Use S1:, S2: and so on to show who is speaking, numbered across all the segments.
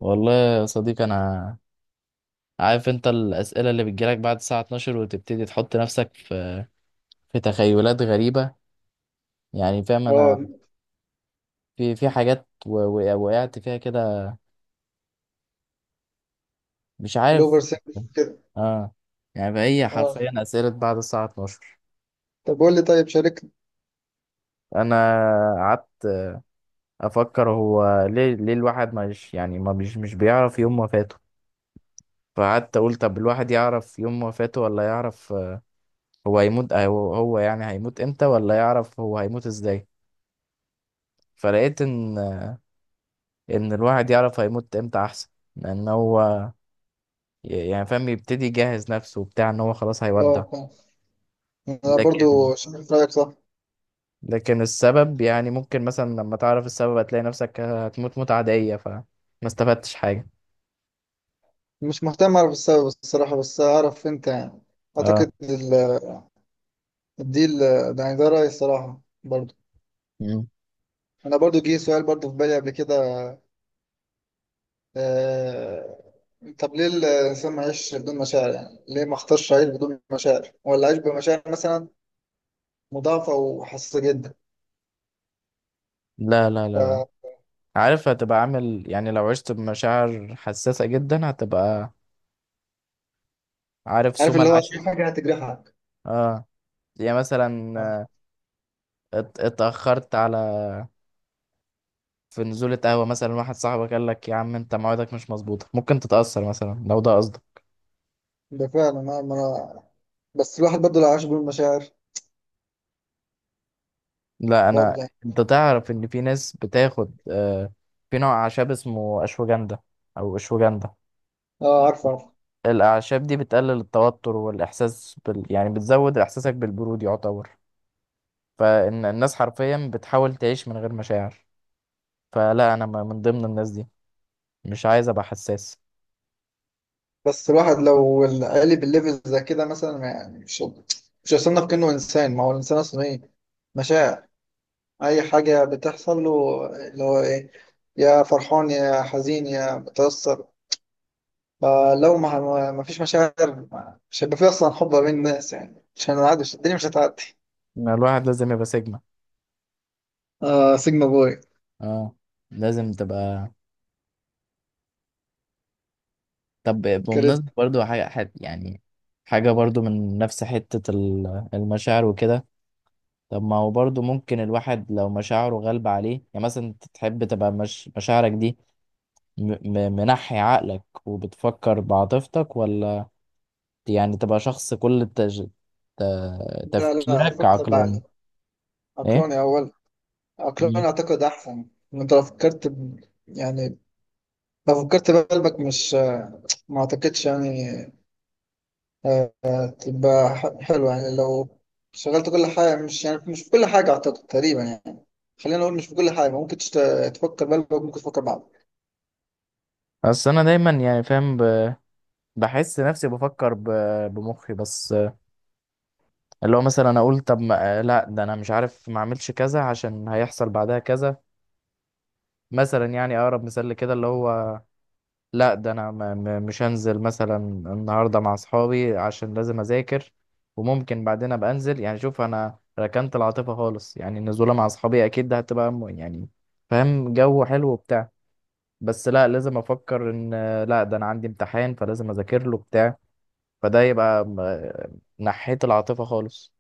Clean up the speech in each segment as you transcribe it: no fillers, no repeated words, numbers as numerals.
S1: والله يا صديقي انا عارف انت الاسئله اللي بتجيلك بعد الساعه 12 وتبتدي تحط نفسك في تخيلات غريبه. يعني فاهم انا،
S2: اه.
S1: في وقعت فيها كده. مش عارف.
S2: الاوفر سينك كده.
S1: اه، يعني هي
S2: اه،
S1: حرفيا اسئله بعد الساعه 12.
S2: طب قول لي، طيب شارك.
S1: انا قعدت افكر هو ليه الواحد مش، يعني ما مش مش بيعرف يوم وفاته. فقعدت اقول طب الواحد يعرف يوم وفاته ولا يعرف، هو هيموت، هو يعني هيموت امتى، ولا يعرف هو هيموت ازاي. فلقيت ان الواحد يعرف هيموت امتى احسن، لان هو يعني فاهم يبتدي يجهز نفسه وبتاع ان هو خلاص
S2: اه،
S1: هيودع.
S2: فاهم. انا
S1: لكن
S2: برضو شارك رايك صح.
S1: لكن السبب يعني ممكن مثلا لما تعرف السبب هتلاقي نفسك هتموت موت عادية فما استفدتش حاجة.
S2: مش مهتم اعرف السبب الصراحه، بس اعرف انت يعني اعتقد
S1: اه.
S2: الديل ده، يعني ده رايي الصراحه برضو.
S1: مم.
S2: انا برضو جه سؤال برضو في بالي قبل كده. آه، طب ليه الإنسان ما يعيش بدون مشاعر يعني؟ ليه ما اختارش عيش بدون مشاعر؟ ولا عيش بمشاعر مثلا مضاعفة وحساسة جدا،
S1: لا لا لا لا،
S2: فعارف
S1: عارف هتبقى عامل، يعني لو عشت بمشاعر حساسة جدا هتبقى عارف سوما
S2: اللي هو
S1: العاشر.
S2: أي حاجة هتجرحك.
S1: اه، يعني مثلا
S2: آه.
S1: اتأخرت على، في نزولة قهوة مثلا، واحد صاحبك قال لك يا عم انت موعدك مش مظبوطة، ممكن تتأثر مثلا لو ده قصدك.
S2: ده فعلا. أنا ما أنا بس الواحد برضه لو عاش بالمشاعر
S1: لا انا،
S2: برضه يعني.
S1: انت تعرف ان في ناس بتاخد في نوع اعشاب اسمه اشوجندا او اشوجندا.
S2: اه، عارفه عارفه.
S1: الاعشاب دي بتقلل التوتر والاحساس بال... يعني بتزود احساسك بالبرود يعتبر. فان الناس حرفيا بتحاول تعيش من غير مشاعر. فلا انا من ضمن الناس دي، مش عايز ابقى حساس.
S2: بس الواحد لو قالب الليفل زي كده مثلا ما يعني مش هيصنف كأنه إنسان. ما هو الإنسان أصلا إيه؟ مشاعر، أي حاجة بتحصل له اللي هو إيه، يا فرحان يا حزين يا متأثر. فلو ما فيش مشاعر مش هيبقى في أصلا حب بين الناس، يعني مش هنعدي، الدنيا مش هتعدي.
S1: ما الواحد لازم يبقى سيجما.
S2: اه، سيجما بوي.
S1: اه، لازم تبقى. طب بمناسبة
S2: كاريزما.
S1: برضو يعني حاجة برضو من نفس حتة المشاعر وكده. طب ما هو برضه ممكن الواحد لو مشاعره غالبة عليه، يعني مثلا انت تحب تبقى مش مشاعرك دي منحي عقلك وبتفكر بعاطفتك، ولا يعني تبقى شخص ت...
S2: لا لا،
S1: تفكيرك
S2: فكر
S1: عقلاني؟
S2: بعقلي،
S1: ايه.
S2: عقلاني أول،
S1: مم.
S2: عقلاني أعتقد أحسن. إن أنت لو فكرت يعني لو فكرت بقلبك، مش ما اعتقدش يعني. تبقى حلوة يعني لو شغلت كل حاجة. مش يعني مش في كل حاجة اعتقد تقريبا يعني، خلينا نقول مش في كل حاجة ممكن تفكر بقلبك، ممكن تفكر بعقلك.
S1: بس انا دايما يعني بحس نفسي بمخي بس. اللي هو مثلا انا اقول طب ما... لا ده انا مش عارف ما اعملش كذا عشان هيحصل بعدها كذا. مثلا يعني اقرب مثال لكده اللي هو، لا ده انا مش هنزل مثلا النهارده مع اصحابي عشان لازم اذاكر، وممكن بعدين ابقى انزل. يعني شوف، انا ركنت العاطفه خالص، يعني النزوله مع اصحابي اكيد ده هتبقى يعني فاهم جو حلو وبتاع، بس لا لازم افكر ان، لا ده انا عندي امتحان فلازم اذاكر له بتاع. فده يبقى نحيت العاطفه خالص.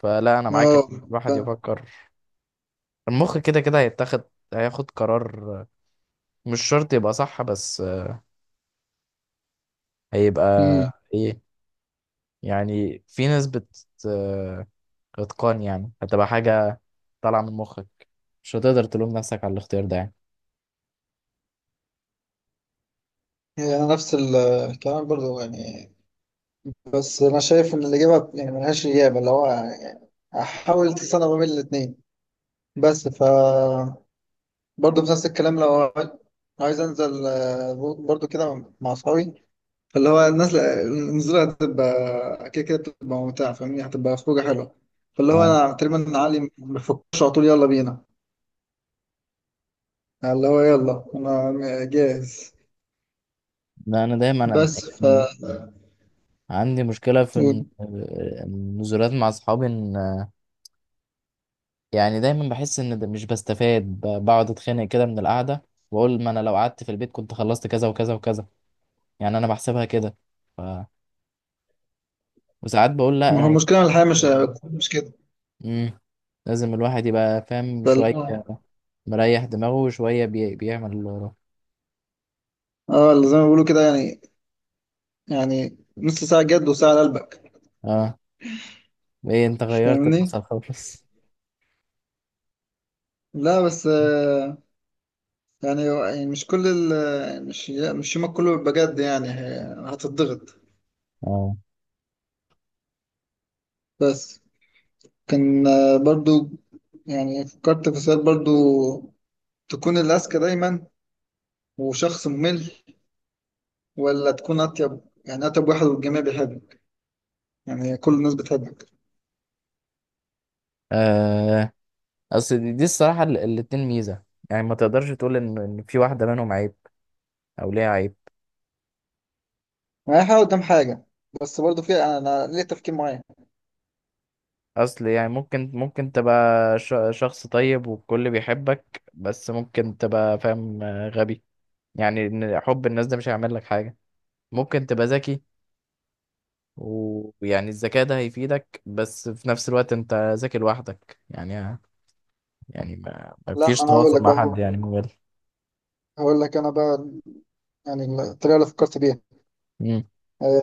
S1: فلا انا معاك ان
S2: اه،
S1: الواحد
S2: فاهم.
S1: يفكر. المخ كده كده هيتاخد، هياخد قرار، مش شرط يبقى صح، بس آه، هيبقى
S2: أمم.
S1: ايه؟ يعني في ناس بت آه، اتقان، يعني هتبقى حاجة طالعة من مخك، مش هتقدر تلوم نفسك على الاختيار ده يعني.
S2: هي أنا نفس الكلام برضو يعني. بس انا شايف ان الاجابة يعني ملهاش اجابة، اللي هو يعني احاول تصنع ما بين الاتنين. بس ف برضه بنفس الكلام، لو عايز انزل برضه كده مع اصحابي، اللي هو الناس النزولة هتبقى كده كده، بتبقى ممتعة فاهمني، هتبقى خروجة حلوة. فاللي هو
S1: اه.
S2: أنا تقريبا علي ما بفكرش، على طول يلا بينا، اللي هو يلا أنا جاهز.
S1: لا انا دايما
S2: بس ف
S1: يعني عندي مشكلة في النزولات مع اصحابي ان، يعني دايما بحس ان ده مش بستفاد بقعد اتخانق كده من القعدة، واقول ما انا لو قعدت في البيت كنت خلصت كذا وكذا وكذا. يعني انا بحسبها كده، ف... وساعات بقول لا
S2: ما هو
S1: يعني.
S2: المشكلة إن الحياة مش كده.
S1: مم. لازم الواحد يبقى فاهم
S2: فاللي
S1: شوية
S2: هو
S1: مريح دماغه، وشوية بيعمل اللي وراه.
S2: اه، اللي زي ما بيقولوا كده يعني، يعني نص ساعة جد وساعة لقلبك،
S1: اه، ايه انت غيرت
S2: فاهمني.
S1: المسار خالص!
S2: لا بس يعني مش كل ال مش مش يومك كله بيبقى جد يعني، هتضغط.
S1: اه،
S2: بس كان برضو يعني فكرت في سؤال برضو. تكون الأذكى دايما وشخص ممل، ولا تكون أطيب، يعني أطيب واحد والجميع بيحبك، يعني كل الناس بتحبك؟
S1: آه، اصل دي الصراحة الاتنين ميزة، يعني ما تقدرش تقول ان إن في واحدة منهم عيب او ليها عيب.
S2: أي حاجة قدام حاجة. بس برضو في أنا ليه تفكير معين.
S1: اصل يعني ممكن تبقى شخص طيب والكل بيحبك، بس ممكن تبقى فاهم غبي، يعني إن حب الناس ده مش هيعمل لك حاجة. ممكن تبقى ذكي ويعني الذكاء ده هيفيدك، بس في نفس الوقت انت ذكي لوحدك، يعني يعني ما
S2: لا،
S1: فيش
S2: أنا هقول
S1: تواصل
S2: لك
S1: مع حد
S2: بقى،
S1: يعني موبايل.
S2: هقول لك أنا بقى يعني الطريقة اللي فكرت بيها.
S1: امم،
S2: آه،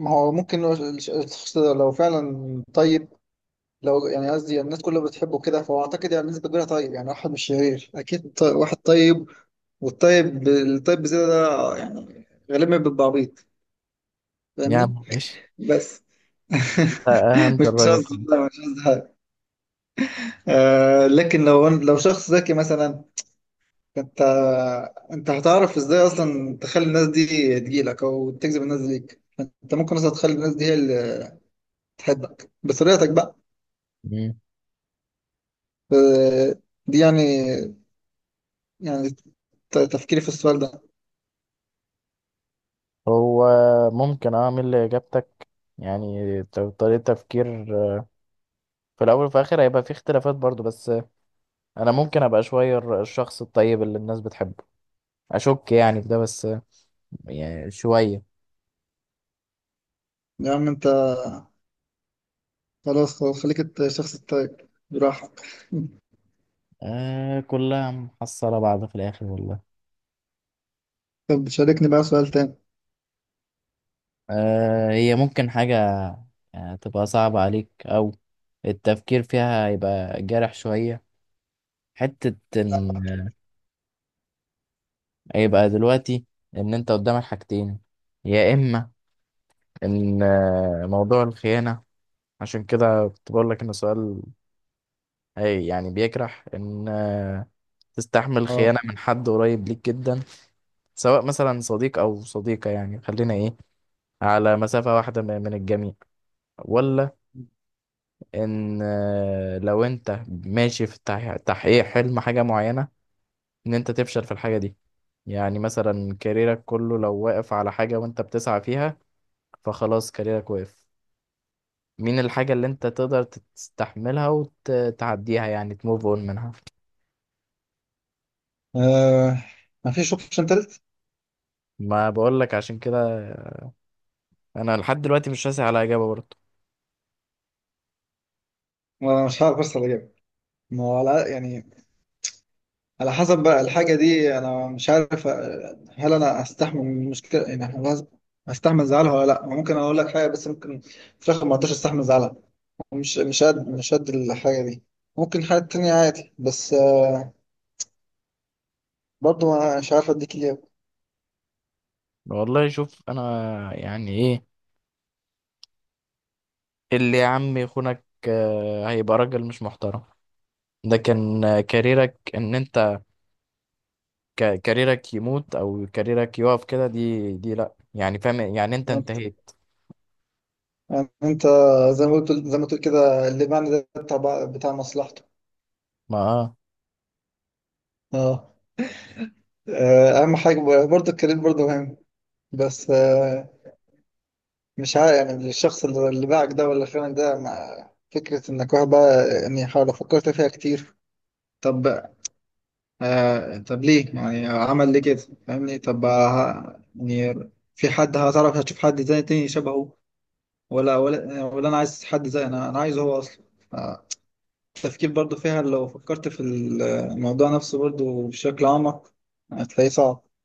S2: ما هو ممكن الشخص ده لو فعلا طيب، لو يعني قصدي الناس كلها بتحبه كده، فهو أعتقد يعني الناس كبيرة طيب، يعني واحد مش شرير أكيد، واحد طيب. والطيب الطيب بزيادة ده يعني غالبا بيبقى عبيط، فاهمني.
S1: يعني ماشي.
S2: بس
S1: انت اهنت
S2: مش
S1: الراجل
S2: قصدي،
S1: خالص.
S2: لا مش قصدي حاجة. آه، لكن لو شخص ذكي مثلا، انت انت هتعرف ازاي اصلا تخلي الناس دي تجيلك، او تجذب الناس دي ليك. انت ممكن اصلا تخلي الناس دي هي اللي تحبك بطريقتك بقى.
S1: مم.
S2: آه، دي يعني تفكيري في السؤال ده.
S1: هو ممكن اعمل اجابتك، يعني طريقة تفكير، في الاول وفي الاخر هيبقى في اختلافات برضو، بس انا ممكن ابقى شوية الشخص الطيب اللي الناس بتحبه. اشك يعني في ده، بس يعني شوية.
S2: يا عم انت، خلاص خلاص، خليك الشخص الطيب براحتك.
S1: آه كلها محصلة بعض في الاخر والله.
S2: طب شاركني بقى سؤال تاني.
S1: هي ممكن حاجة تبقى صعبة عليك أو التفكير فيها يبقى جارح شوية، حتة إن يبقى دلوقتي إن أنت قدامك حاجتين، يا إما إن موضوع الخيانة. عشان كده كنت بقول لك إن السؤال أي يعني بيجرح، إن تستحمل
S2: اه.
S1: خيانة من حد قريب ليك جدا، سواء مثلا صديق أو صديقة، يعني خلينا إيه، على مسافة واحدة من الجميع، ولا ان لو انت ماشي في تحقيق حلم حاجة معينة ان انت تفشل في الحاجة دي. يعني مثلا كاريرك كله لو واقف على حاجة وانت بتسعى فيها، فخلاص كاريرك واقف. مين الحاجة اللي انت تقدر تستحملها وتعديها يعني تموف اون منها؟
S2: آه، ما فيش اوبشن تالت؟
S1: ما بقولك عشان كده انا لحد دلوقتي مش راسي على اجابة برضه.
S2: ما مش عارف بس اجيب. ما هو على يعني، على حسب بقى الحاجه دي. انا مش عارف هل انا استحمل المشكله، يعني هل استحمل زعلها ولا لا. ممكن اقول لك حاجه، بس ممكن في الاخر ما اقدرش استحمل زعلها. مش قد الحاجه دي. ممكن حاجه تانية عادي، بس برضه مش عارف اديك اجابه.
S1: والله شوف انا يعني ايه، اللي يا عم يخونك هيبقى راجل مش محترم. ده كان كاريرك ان انت كاريرك يموت او كاريرك يقف كده، دي لا يعني فاهم يعني انت
S2: يعني
S1: انتهيت.
S2: انت زي ما قلت، زي ما تقول كده اللي معنى ده بتاع مصلحته.
S1: ما آه.
S2: اه. اهم حاجه برضه الكارير برضه مهم. بس مش عارف، يعني الشخص اللي باعك ده ولا خانك ده، مع فكرة انك واحد بقى يعني حاول فكرت فيها كتير. طب طب ليه يعني عمل ليه كده؟ فاهمني. طب يعني في حد، هتعرف هتشوف حد زي تاني شبهه، ولا انا عايز حد زي انا عايزه هو اصلا. آه، التفكير برضو فيها، لو فكرت في الموضوع نفسه برضو بشكل اعمق هتلاقيه صعب.